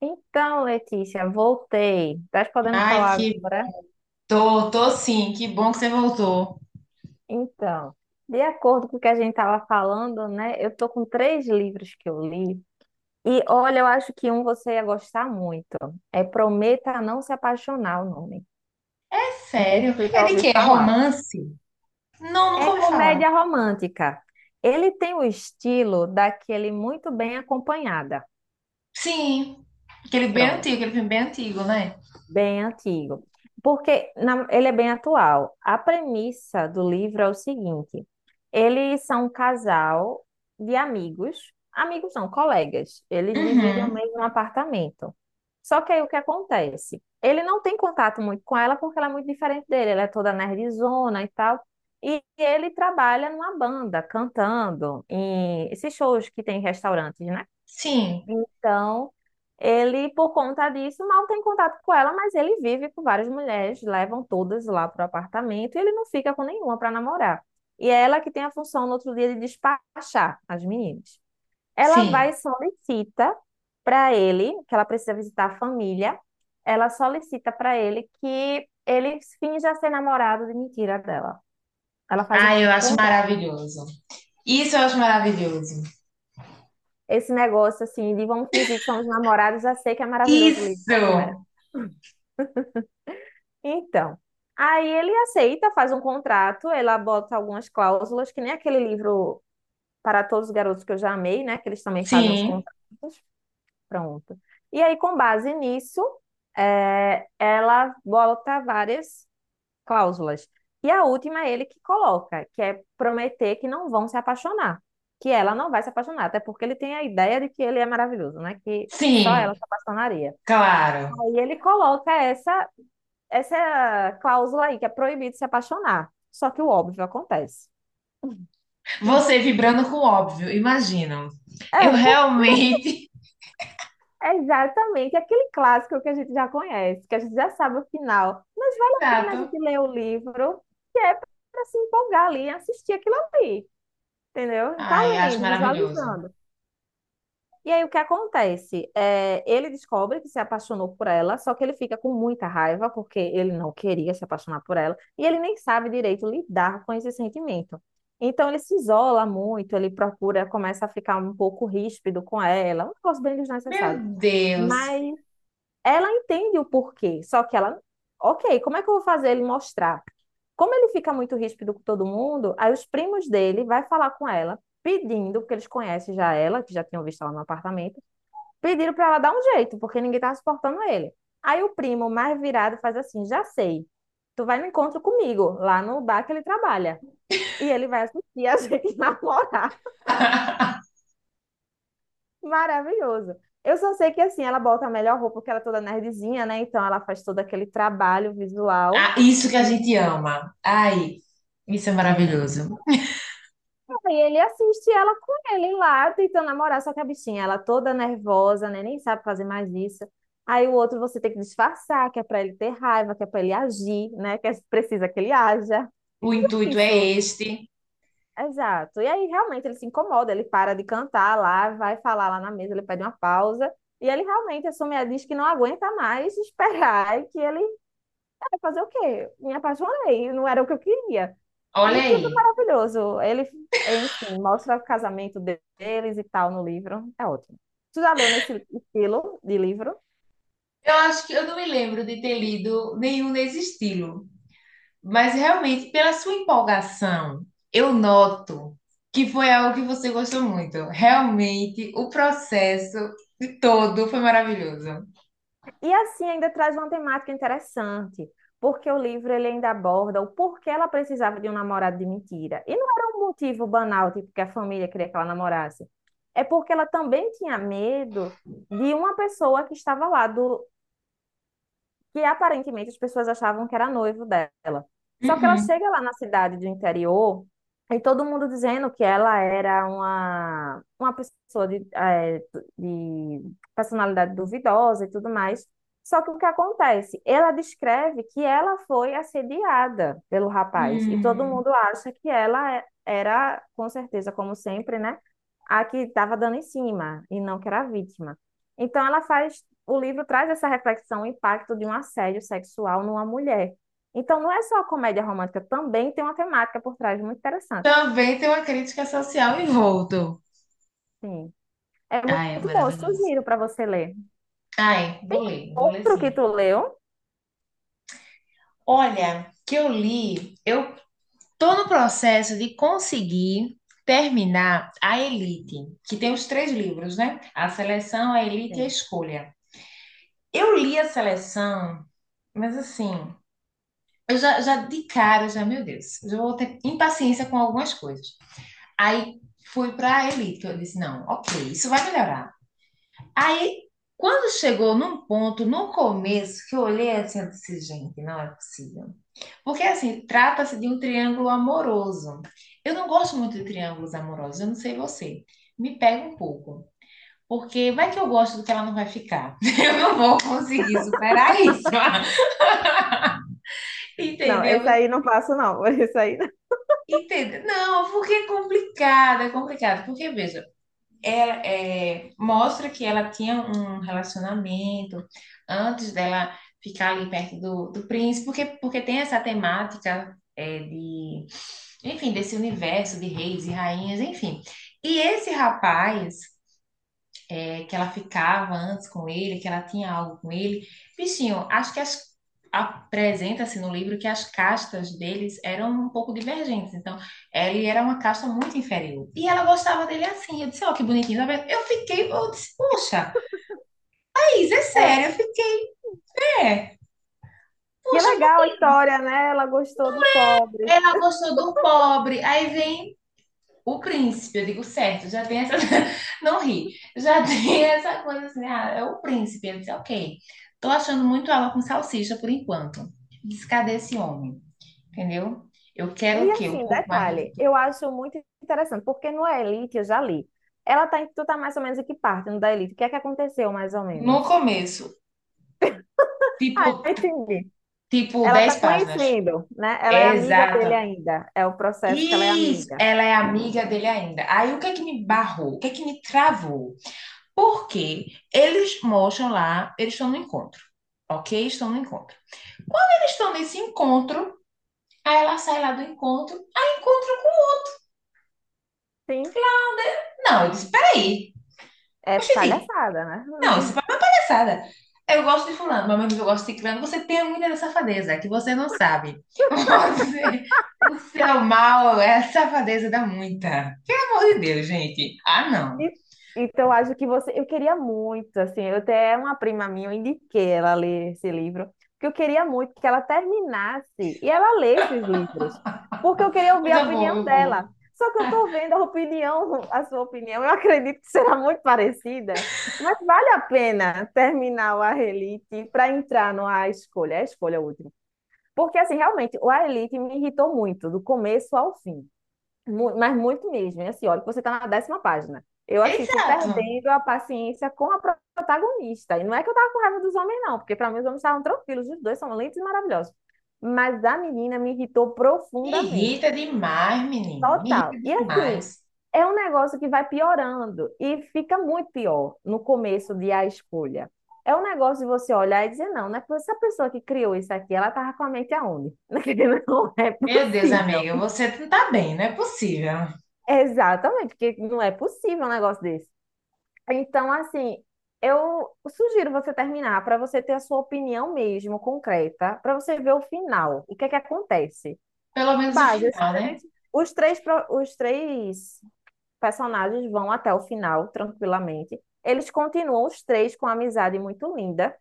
Então, Letícia, voltei. Tá podendo Ai, falar que agora? tô sim, que bom que você voltou. Então, de acordo com o que a gente estava falando, né? Eu tô com 3 livros que eu li. E olha, eu acho que um você ia gostar muito. É Prometa Não Se Apaixonar, o nome. É Não sei se sério? você É já de ouviu quê? É falar. romance? Não, nunca É ouvi falar. comédia romântica. Ele tem o estilo daquele muito bem acompanhada. Sim, aquele bem Pronto. antigo, aquele filme bem antigo, né? Bem antigo. Porque ele é bem atual. A premissa do livro é o seguinte: eles são um casal de amigos, amigos não, colegas. Eles dividem o Uhum. mesmo apartamento. Só que aí o que acontece? Ele não tem contato muito com ela porque ela é muito diferente dele. Ela é toda nerdzona e tal. E ele trabalha numa banda, cantando em esses shows que tem em restaurantes, né? Sim, Então, ele, por conta disso, mal tem contato com ela, mas ele vive com várias mulheres, levam todas lá para o apartamento e ele não fica com nenhuma para namorar. E é ela que tem a função no outro dia de despachar as meninas. Ela vai sim. e solicita para ele, que ela precisa visitar a família, ela solicita para ele que ele finja ser namorado de mentira dela. Ela faz um Ai, eu acho contrato. maravilhoso. Isso eu acho maravilhoso. Esse negócio assim de vamos fingir que somos namorados, já sei que é maravilhoso o livro quando começa. Isso! Então, aí ele aceita, faz um contrato, ela bota algumas cláusulas, que nem aquele livro Para Todos os Garotos que eu já amei, né? Que eles também fazem uns Sim, contratos. Pronto. E aí, com base nisso, ela bota várias cláusulas. E a última é ele que coloca, que é prometer que não vão se apaixonar. Que ela não vai se apaixonar, até porque ele tem a ideia de que ele é maravilhoso, né? Que só ela sim, se apaixonaria. claro. Aí ele coloca essa cláusula aí, que é proibido se apaixonar. Só que o óbvio acontece. Hum. Você vibrando com o óbvio, imagina. Eu É, porque realmente. é exatamente aquele clássico que a gente já conhece, que a gente já sabe o final. Mas vale a pena a Exato. gente ler o livro, que é para se empolgar ali e assistir aquilo ali, entendeu? E tá Ai, acho lendo, maravilhoso. visualizando. E aí o que acontece? Ele descobre que se apaixonou por ela, só que ele fica com muita raiva porque ele não queria se apaixonar por ela e ele nem sabe direito lidar com esse sentimento. Então ele se isola muito, ele procura, começa a ficar um pouco ríspido com ela, um negócio bem Meu desnecessário. Deus. Mas ela entende o porquê, só que ela, ok, como é que eu vou fazer ele mostrar? Como ele fica muito ríspido com todo mundo, aí os primos dele vai falar com ela, pedindo, porque eles conhecem já ela, que já tinham visto ela no apartamento. Pediram para ela dar um jeito, porque ninguém tava suportando ele. Aí o primo, mais virado, faz assim: já sei, tu vai no encontro comigo, lá no bar que ele trabalha. E ele vai assistir a gente namorar. Maravilhoso. Eu só sei que assim, ela bota a melhor roupa, porque ela é toda nerdzinha, né? Então ela faz todo aquele trabalho visual. Ah, isso que a gente ama. Ai, isso é Exato. maravilhoso. E ele assiste ela com ele lá, tentando namorar, só que a bichinha, ela toda nervosa, né? Nem sabe fazer mais isso. Aí o outro você tem que disfarçar, que é pra ele ter raiva, que é pra ele agir, né? Que é precisa que ele haja. O intuito é Isso, este. exato. E aí realmente ele se incomoda, ele para de cantar lá, vai falar lá na mesa, ele pede uma pausa. E ele realmente assume, diz que não aguenta mais esperar e que ele vai fazer o quê? Me apaixonei, não era o que eu queria. Olha E, tipo, aí. maravilhoso. Ele, enfim, mostra o casamento deles e tal no livro. É ótimo. Tu já leu nesse estilo de livro? Eu acho que eu não me lembro de ter lido nenhum nesse estilo, mas realmente, pela sua empolgação, eu noto que foi algo que você gostou muito. Realmente, o processo de todo foi maravilhoso. E, assim, ainda traz uma temática interessante, porque o livro ele ainda aborda o porquê ela precisava de um namorado de mentira. E não era um motivo banal, tipo, que a família queria que ela namorasse. É porque ela também tinha medo de uma pessoa que estava lá do, que aparentemente as pessoas achavam que era noivo dela. Só que ela Uhum. chega lá na cidade do interior e todo mundo dizendo que ela era uma pessoa de, de personalidade duvidosa e tudo mais. Só que o que acontece? Ela descreve que ela foi assediada pelo rapaz e todo Hum. mundo acha que ela era, com certeza, como sempre, né? A que estava dando em cima e não que era a vítima. Então ela faz o livro traz essa reflexão, o impacto de um assédio sexual numa mulher. Então, não é só a comédia romântica, também tem uma temática por trás muito interessante. Também tem uma crítica social envolto. Sim. É muito Ai, é bom, eu maravilhoso. sugiro para você ler. Ai, vou ler Outro que sim. tu leu? Olha, que eu li, eu tô no processo de conseguir terminar A Elite, que tem os três livros, né? A Seleção, A Elite e a Sim. Escolha. Eu li a Seleção, mas assim, eu já, já de cara, eu já, meu Deus, já vou ter impaciência com algumas coisas. Aí fui para A Elite, que eu disse, não, ok, isso vai melhorar. Aí, quando chegou num ponto, no começo, que eu olhei assim, eu disse, gente, não é possível. Porque, assim, trata-se de um triângulo amoroso. Eu não gosto muito de triângulos amorosos, eu não sei você. Me pega um pouco. Porque vai que eu gosto do que ela não vai ficar. Eu não vou conseguir superar isso. Não, esse Entendeu? aí não passo, não. Esse aí não. Entendeu? Não, porque é complicado, é complicado. Porque, veja, ela é, mostra que ela tinha um relacionamento antes dela ficar ali perto do príncipe, porque, porque tem essa temática é, de enfim, desse universo de reis e rainhas, enfim. E esse rapaz, é, que ela ficava antes com ele, que ela tinha algo com ele, bichinho, acho que apresenta-se no livro que as castas deles eram um pouco divergentes. Então, ele era uma casta muito inferior. E ela gostava dele assim. Eu disse, ó, oh, que bonitinho. Sabe? Eu fiquei, eu disse, puxa, Thaís, é É, sério, eu fiquei, é. que Puxa, legal a história, né? Ela gostou do pobre. ela gostou do pobre, aí vem o príncipe, eu digo certo, já tem essa. Não ri, já tem essa coisa assim, ah, é o príncipe. Ele disse, ok, tô achando muito água com salsicha por enquanto. Disse, cadê esse homem? Entendeu? Eu quero E o quê? Um assim, pouco mais. detalhe, eu acho muito interessante, porque no Elite eu já li. Tu tá mais ou menos em que parte no da Elite? O que é que aconteceu, mais ou No menos? começo, Ah, tipo, entendi. tipo Ela 10 está páginas. conhecendo, né? Ela é amiga dele Exata. ainda. É o processo que ela é Isso, amiga. ela é amiga dele ainda. Aí o que é que me barrou? O que é que me travou? Porque eles mostram lá, eles estão no encontro, ok? Estão no encontro. Eles estão nesse encontro, aí ela sai lá do encontro. Aí encontro Sim, com. Não, eu disse, peraí. é Oxente, palhaçada, né? não, isso é uma palhaçada. Eu gosto de fulano, mas mesmo que eu gosto de ciclano. Você tem muita safadeza, que você não sabe. Você, o seu mal é a safadeza da muita. Pelo amor de Deus, gente. Ah, não. E- Então, acho que você. Eu queria muito, assim. Eu até uma prima minha, eu indiquei ela ler esse livro, porque eu queria muito que ela terminasse e ela lesse os livros, porque eu queria ouvir Mas a eu vou, opinião eu vou. dela. Só que eu Ah, tô vendo a opinião, a sua opinião, eu acredito que será muito parecida, mas vale a pena terminar o A Relite para entrar no A Escolha, é a escolha última. Porque, assim, realmente, o A Elite me irritou muito, do começo ao fim. Mas muito mesmo. E, assim, olha, que você está na décima página. Eu, assim, fui exato. perdendo a paciência com a protagonista. E não é que eu tava com raiva dos homens, não, porque para mim os homens estavam tranquilos, os dois são lindos e maravilhosos. Mas a menina me irritou Me profundamente. irrita demais, menino. Me irrita Total. E assim, demais. é um negócio que vai piorando e fica muito pior no começo de a escolha. É um negócio de você olhar e dizer, não, não é possível, essa pessoa que criou isso aqui, ela tava com a mente aonde? Não é Meu Deus, possível. amiga, você não tá bem, não é possível. Exatamente, porque não é possível um negócio desse. Então, assim, eu sugiro você terminar para você ter a sua opinião mesmo, concreta, para você ver o final, o que é que acontece. Pelo menos o Base, os final, né? três, os três, pro- os três personagens vão até o final tranquilamente. Eles continuam os três com uma amizade muito linda,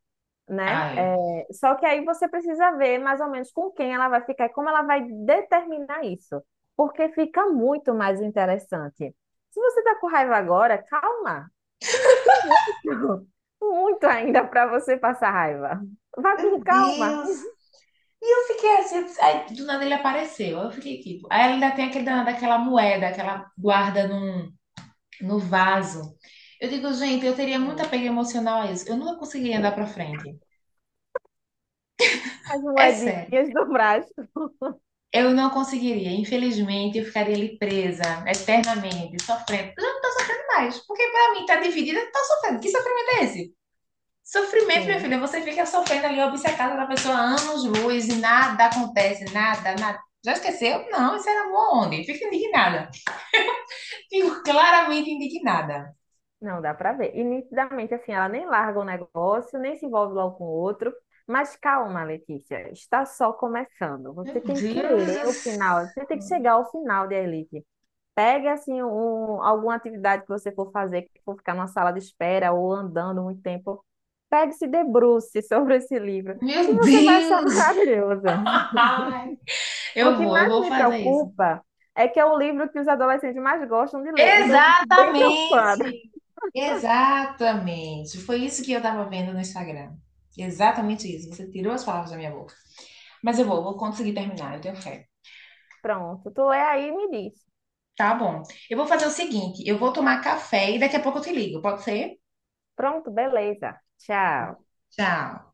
né? Ai. É, só que aí você precisa ver mais ou menos com quem ela vai ficar e como ela vai determinar isso, porque fica muito mais interessante. Se você tá com raiva agora, calma, você ainda tem muito, muito ainda para você passar raiva. Vai com Meu calma. Deus. E eu fiquei assim, aí do nada ele apareceu. Eu fiquei tipo. Aí ela ainda tem aquele danado, aquela moeda aquela guarda num, no vaso. Eu digo, gente, eu teria muito apego emocional a isso. Eu nunca conseguiria andar pra frente. As É sério. moedinhas do braço. Eu não conseguiria. Infelizmente, eu ficaria ali presa eternamente, sofrendo. Eu já não tô sofrendo mais. Porque pra mim, tá dividida, tá sofrendo. Que sofrimento é esse? Sofrimento, minha Sim. filha, você fica sofrendo ali, obcecada da pessoa há anos-luz e nada acontece, nada, nada. Já esqueceu? Não, isso era amor onde? Fica indignada. Fico claramente indignada. Não, dá pra ver. E nitidamente, assim, ela nem larga o negócio, nem se envolve logo com o outro. Mas calma, Letícia, está só começando. Meu Você tem que Deus ler do o final, você tem que céu. chegar ao final de Elite. Pegue, assim, um, alguma atividade que você for fazer, que for ficar numa sala de espera ou andando muito tempo. Pegue, e se debruce sobre esse livro, que Meu você vai achar Deus! maravilhoso. Ai, O eu que vou, eu mais vou me fazer isso. preocupa é que é o livro que os adolescentes mais gostam de ler, então eu fico bem preocupada. Exatamente! Exatamente! Foi isso que eu tava vendo no Instagram. Exatamente isso. Você tirou as palavras da minha boca. Mas eu vou, vou conseguir terminar, eu tenho fé. Pronto, tu lê aí e me diz. Tá bom. Eu vou fazer o seguinte: eu vou tomar café e daqui a pouco eu te ligo, pode ser? Pronto, beleza. Tchau. Tchau.